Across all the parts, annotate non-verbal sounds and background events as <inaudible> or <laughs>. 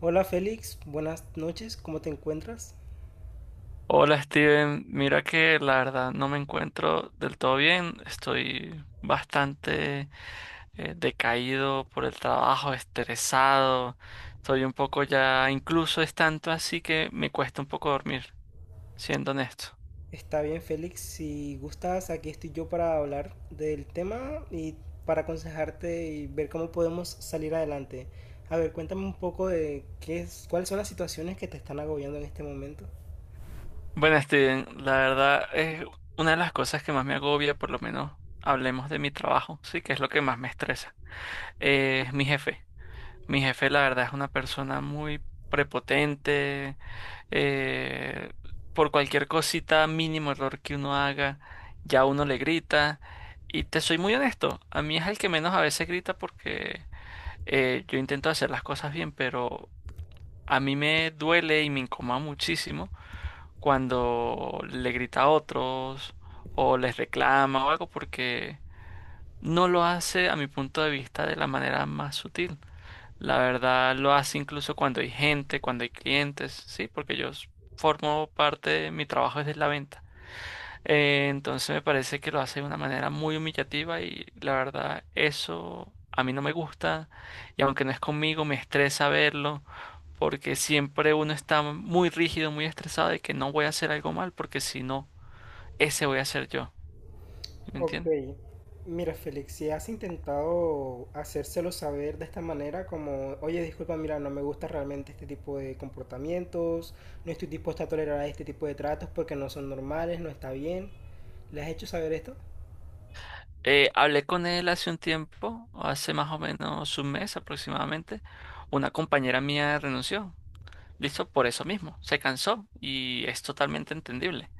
Hola Félix, buenas noches, ¿cómo te encuentras? Hola Steven, mira que la verdad no me encuentro del todo bien, estoy bastante decaído por el trabajo, estresado, estoy un poco ya, incluso es tanto así que me cuesta un poco dormir, siendo honesto. Está bien Félix, si gustas, aquí estoy yo para hablar del tema y para aconsejarte y ver cómo podemos salir adelante. A ver, cuéntame un poco de qué es, cuáles son las situaciones que te están agobiando en este momento. Bueno Steven, la verdad es una de las cosas que más me agobia, por lo menos hablemos de mi trabajo, sí, que es lo que más me estresa, es mi jefe. Mi jefe, la verdad, es una persona muy prepotente. eh, por cualquier cosita, mínimo error que uno haga, ya uno le grita. Y te soy muy honesto, a mí es el que menos a veces grita porque yo intento hacer las cosas bien, pero a mí me duele y me incomoda muchísimo cuando le grita a otros o les reclama o algo porque no lo hace a mi punto de vista de la manera más sutil. La verdad lo hace incluso cuando hay gente, cuando hay clientes, sí, porque formo parte de mi trabajo es de la venta. Entonces me parece que lo hace de una manera muy humillativa y la verdad eso a mí no me gusta, y aunque no es conmigo me estresa verlo porque siempre uno está muy rígido, muy estresado de que no voy a hacer algo mal porque si no, ese voy a ser yo. ¿Sí? ¿Me Ok, entiendes? mira Félix, si has intentado hacérselo saber de esta manera, como, oye, disculpa, mira, no me gusta realmente este tipo de comportamientos, no estoy dispuesto a tolerar este tipo de tratos porque no son normales, no está bien, ¿le has hecho saber esto? Hablé con él hace un tiempo, hace más o menos un mes aproximadamente. Una compañera mía renunció. Listo, por eso mismo. Se cansó y es totalmente entendible.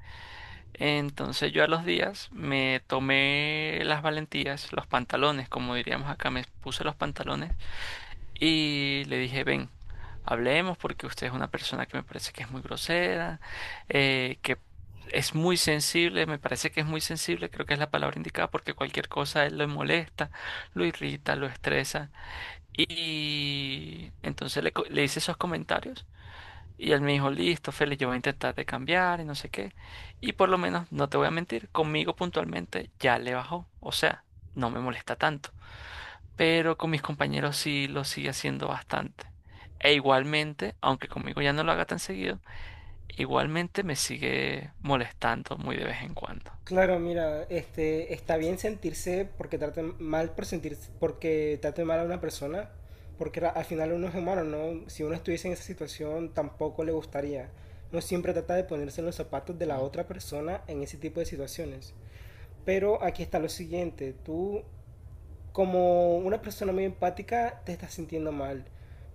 Entonces yo a los días me tomé las valentías, los pantalones, como diríamos acá, me puse los pantalones y le dije, ven, hablemos porque usted es una persona que me parece que es muy grosera, que es muy sensible, me parece que es muy sensible, creo que es la palabra indicada porque cualquier cosa a él lo molesta, lo irrita, lo estresa. Y entonces le hice esos comentarios y él me dijo, listo, Félix, yo voy a intentar de cambiar y no sé qué. Y por lo menos, no te voy a mentir, conmigo puntualmente ya le bajó, o sea, no me molesta tanto, pero con mis compañeros sí lo sigue haciendo bastante. E igualmente, aunque conmigo ya no lo haga tan seguido, igualmente me sigue molestando muy de vez en cuando. Claro, mira, este, está bien sentirse porque traten mal por sentirse, porque traten mal a una persona, porque al final uno es humano, ¿no? Si uno estuviese en esa situación, tampoco le gustaría. Uno siempre trata de ponerse en los zapatos de la Mm. otra persona en ese tipo de situaciones. Pero aquí está lo siguiente, tú como una persona muy empática te estás sintiendo mal,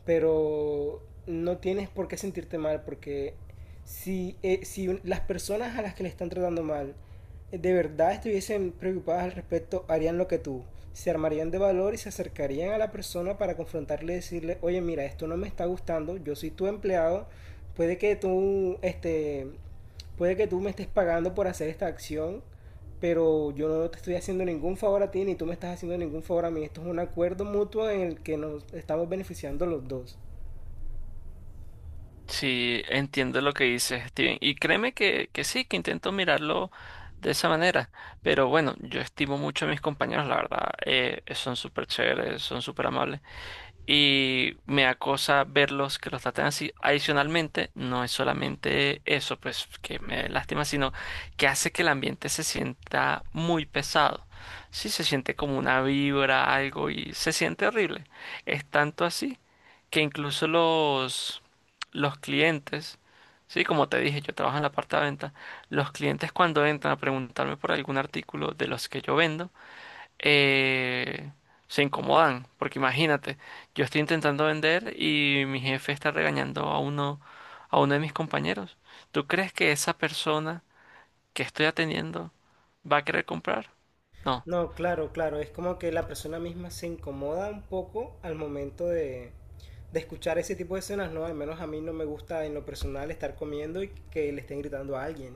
pero no tienes por qué sentirte mal porque si, si las personas a las que le están tratando mal de verdad estuviesen preocupadas al respecto, harían lo que tú. Se armarían de valor y se acercarían a la persona para confrontarle y decirle, oye, mira, esto no me está gustando, yo soy tu empleado, puede que tú este, puede que tú me estés pagando por hacer esta acción, pero yo no te estoy haciendo ningún favor a ti ni tú me estás haciendo ningún favor a mí. Esto es un acuerdo mutuo en el que nos estamos beneficiando los dos. Sí, entiendo lo que dices, Steven. Y créeme que sí, que intento mirarlo de esa manera. Pero bueno, yo estimo mucho a mis compañeros, la verdad. Son súper chéveres, son súper amables, y me da cosa verlos que los tratan así. Adicionalmente, no es solamente eso, pues, que me lastima, sino que hace que el ambiente se sienta muy pesado. Sí, se siente como una vibra, algo, y se siente horrible. Es tanto así que incluso los clientes, sí, como te dije, yo trabajo en la parte de venta, los clientes cuando entran a preguntarme por algún artículo de los que yo vendo, eh, se incomodan, porque imagínate, yo estoy intentando vender y mi jefe está regañando a uno de mis compañeros. ¿Tú crees que esa persona que estoy atendiendo va a querer comprar? No. No, claro, claro, es como que la persona misma se incomoda un poco al momento de escuchar ese tipo de escenas, ¿no? Al menos a mí no me gusta en lo personal estar comiendo y que le estén gritando a alguien.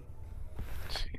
Sí.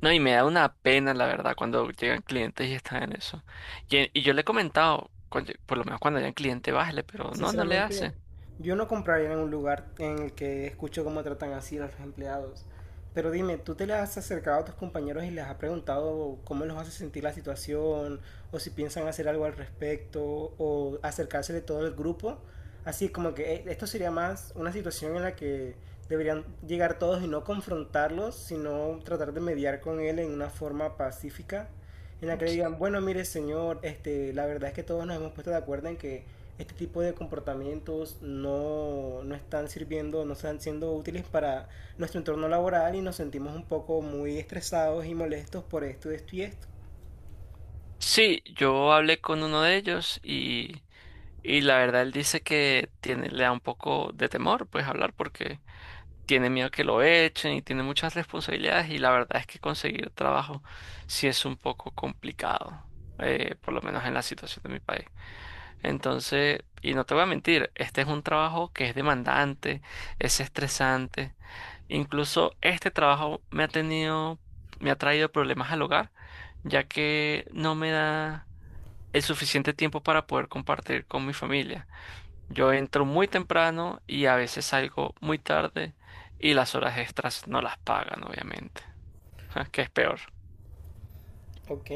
No, y me da una pena, la verdad, cuando llegan clientes y están en eso. Y yo le he comentado, "Coño, por lo menos cuando haya un cliente, bájale", pero no, no le Sinceramente, hace. yo no compraría en un lugar en el que escucho cómo tratan así a los empleados. Pero dime, ¿tú te le has acercado a tus compañeros y les has preguntado cómo los hace sentir la situación? ¿O si piensan hacer algo al respecto? ¿O acercarse de todo el grupo? Así como que esto sería más una situación en la que deberían llegar todos y no confrontarlos, sino tratar de mediar con él en una forma pacífica en la que le digan, bueno, mire señor, este, la verdad es que todos nos hemos puesto de acuerdo en que este tipo de comportamientos no están sirviendo, no están siendo útiles para nuestro entorno laboral y nos sentimos un poco muy estresados y molestos por esto, esto y esto. Sí, yo hablé con uno de ellos y la verdad, él dice que tiene, le da un poco de temor, pues, hablar porque tiene miedo que lo echen y tiene muchas responsabilidades y la verdad es que conseguir trabajo sí es un poco complicado, por lo menos en la situación de mi país. Entonces, y no te voy a mentir, este es un trabajo que es demandante, es estresante. Incluso este trabajo me ha tenido, me ha traído problemas al hogar, ya que no me da el suficiente tiempo para poder compartir con mi familia. Yo entro muy temprano y a veces salgo muy tarde y las horas extras no las pagan, obviamente, <laughs> que es peor. Ok,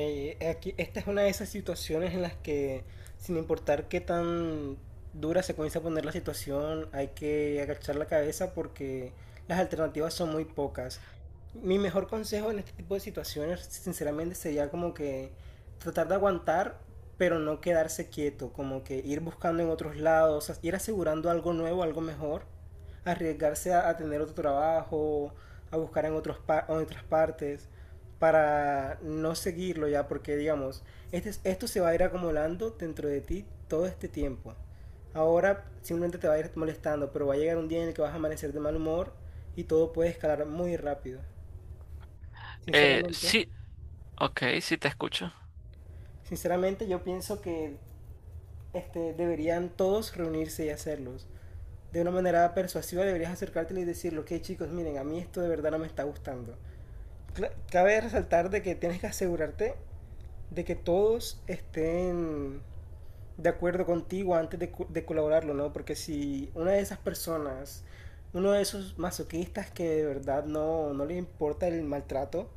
aquí, esta es una de esas situaciones en las que, sin importar qué tan dura se comienza a poner la situación, hay que agachar la cabeza porque las alternativas son muy pocas. Mi mejor consejo en este tipo de situaciones, sinceramente, sería como que tratar de aguantar, pero no quedarse quieto, como que ir buscando en otros lados, ir asegurando algo nuevo, algo mejor, arriesgarse a tener otro trabajo, a buscar en otros en otras partes para no seguirlo ya, porque digamos, este, esto se va a ir acumulando dentro de ti todo este tiempo. Ahora simplemente te va a ir molestando, pero va a llegar un día en el que vas a amanecer de mal humor y todo puede escalar muy rápido. Sinceramente, Sí, ok, sí te escucho. sinceramente yo pienso que este, deberían todos reunirse y hacerlos. De una manera persuasiva deberías acercártelo y decirlo, que chicos, miren, a mí esto de verdad no me está gustando. Cabe resaltar de que tienes que asegurarte de que todos estén de acuerdo contigo antes de, de colaborarlo, ¿no? Porque si una de esas personas, uno de esos masoquistas que de verdad no le importa el maltrato,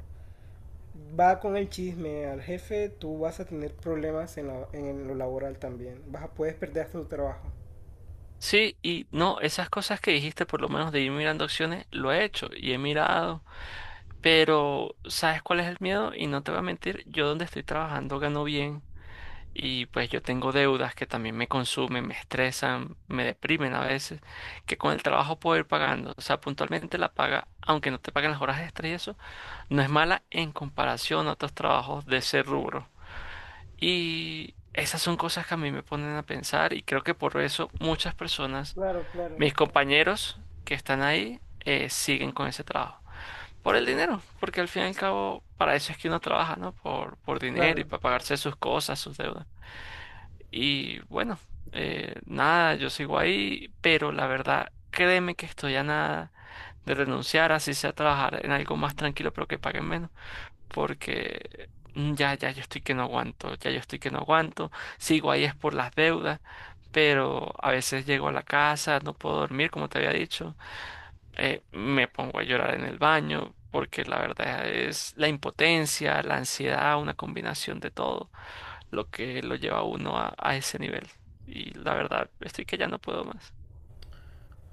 va con el chisme al jefe, tú vas a tener problemas en, en lo laboral también. Vas a, puedes perder hasta tu trabajo. Sí, y no, esas cosas que dijiste, por lo menos de ir mirando opciones, lo he hecho y he mirado, pero ¿sabes cuál es el miedo? Y no te voy a mentir, yo donde estoy trabajando gano bien y pues yo tengo deudas que también me consumen, me estresan, me deprimen a veces, que con el trabajo puedo ir pagando, o sea, puntualmente la paga, aunque no te paguen las horas extras y eso, no es mala en comparación a otros trabajos de ese rubro. Y esas son cosas que a mí me ponen a pensar y creo que por eso muchas personas, Claro, claro. mis compañeros que están ahí, siguen con ese trabajo. Por el dinero, porque al fin y al cabo para eso es que uno trabaja, ¿no? Por dinero y Claro. para pagarse sus cosas, sus deudas. Y bueno, nada, yo sigo ahí, pero la verdad, créeme que estoy a nada de renunciar, así sea trabajar en algo más tranquilo, pero que paguen menos porque ya, ya yo estoy que no aguanto, ya yo estoy que no aguanto, sigo ahí es por las deudas, pero a veces llego a la casa, no puedo dormir, como te había dicho, me pongo a llorar en el baño, porque la verdad es la impotencia, la ansiedad, una combinación de todo lo que lo lleva a uno a ese nivel. Y la verdad, estoy que ya no puedo más.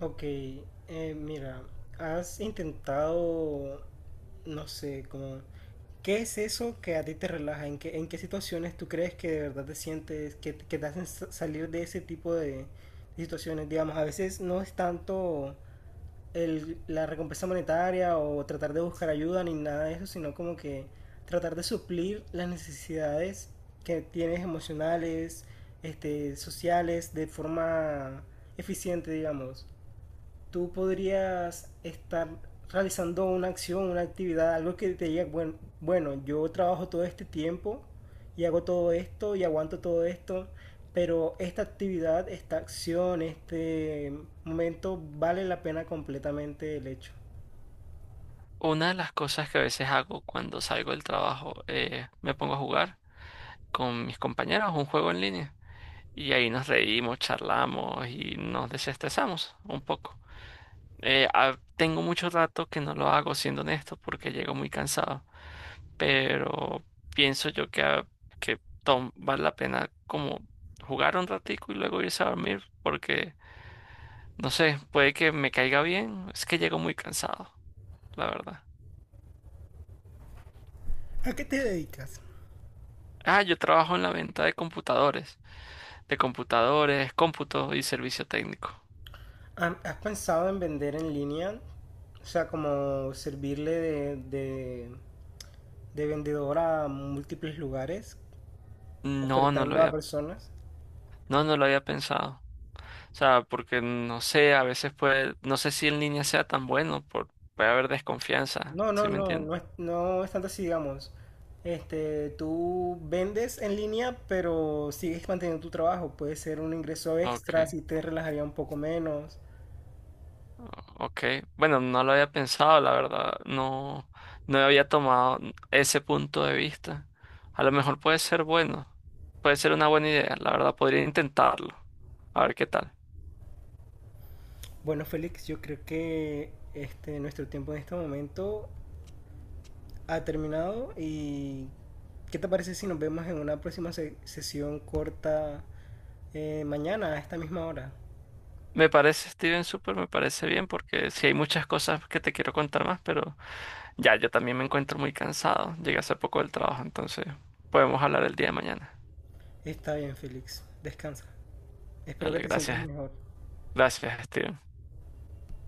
Ok, mira, has intentado, no sé, como, ¿qué es eso que a ti te relaja? En qué situaciones tú crees que de verdad te sientes, que, que te hacen salir de ese tipo de situaciones? Digamos, a veces no es tanto el, la recompensa monetaria o tratar de buscar ayuda ni nada de eso, sino como que tratar de suplir las necesidades que tienes emocionales, este, sociales, de forma eficiente, digamos tú podrías estar realizando una acción, una actividad, algo que te diga, bueno, bueno, yo trabajo todo este tiempo y hago todo esto y aguanto todo esto, pero esta actividad, esta acción, este momento vale la pena completamente el hecho. Una de las cosas que a veces hago cuando salgo del trabajo, me pongo a jugar con mis compañeros un juego en línea. Y ahí nos reímos, charlamos y nos desestresamos un poco. Tengo mucho rato que no lo hago, siendo honesto, porque llego muy cansado. Pero pienso yo que, que vale la pena como jugar un ratico y luego irse a dormir, porque no sé, puede que me caiga bien. Es que llego muy cansado, la verdad. ¿A qué te dedicas? Ah, yo trabajo en la venta de computadores, cómputo y servicio técnico. ¿Has pensado en vender en línea? O sea, como servirle de vendedor a múltiples lugares, No, no lo ofertando a había, personas. no, no lo había pensado. O sea, porque no sé, a veces puede, no sé si en línea sea tan bueno, por, puede haber desconfianza, No, no, ¿sí me no, entiendes? no es, no es tanto así, digamos. Este, tú vendes en línea, pero sigues manteniendo tu trabajo. Puede ser un ingreso extra Okay, si te relajaría un poco menos. Okay. Bueno, no lo había pensado, la verdad, no, no había tomado ese punto de vista. A lo mejor puede ser bueno, puede ser una buena idea, la verdad, podría intentarlo, a ver qué tal. Bueno, Félix, yo creo que este, nuestro tiempo en este momento ha terminado y ¿qué te parece si nos vemos en una próxima sesión corta mañana a esta misma hora? Me parece, Steven, súper, me parece bien, porque sí hay muchas cosas que te quiero contar más, pero ya yo también me encuentro muy cansado, llegué hace poco del trabajo, entonces podemos hablar el día de mañana. Está bien, Félix, descansa. Espero que Dale, te sientas gracias, mejor. gracias, Steven.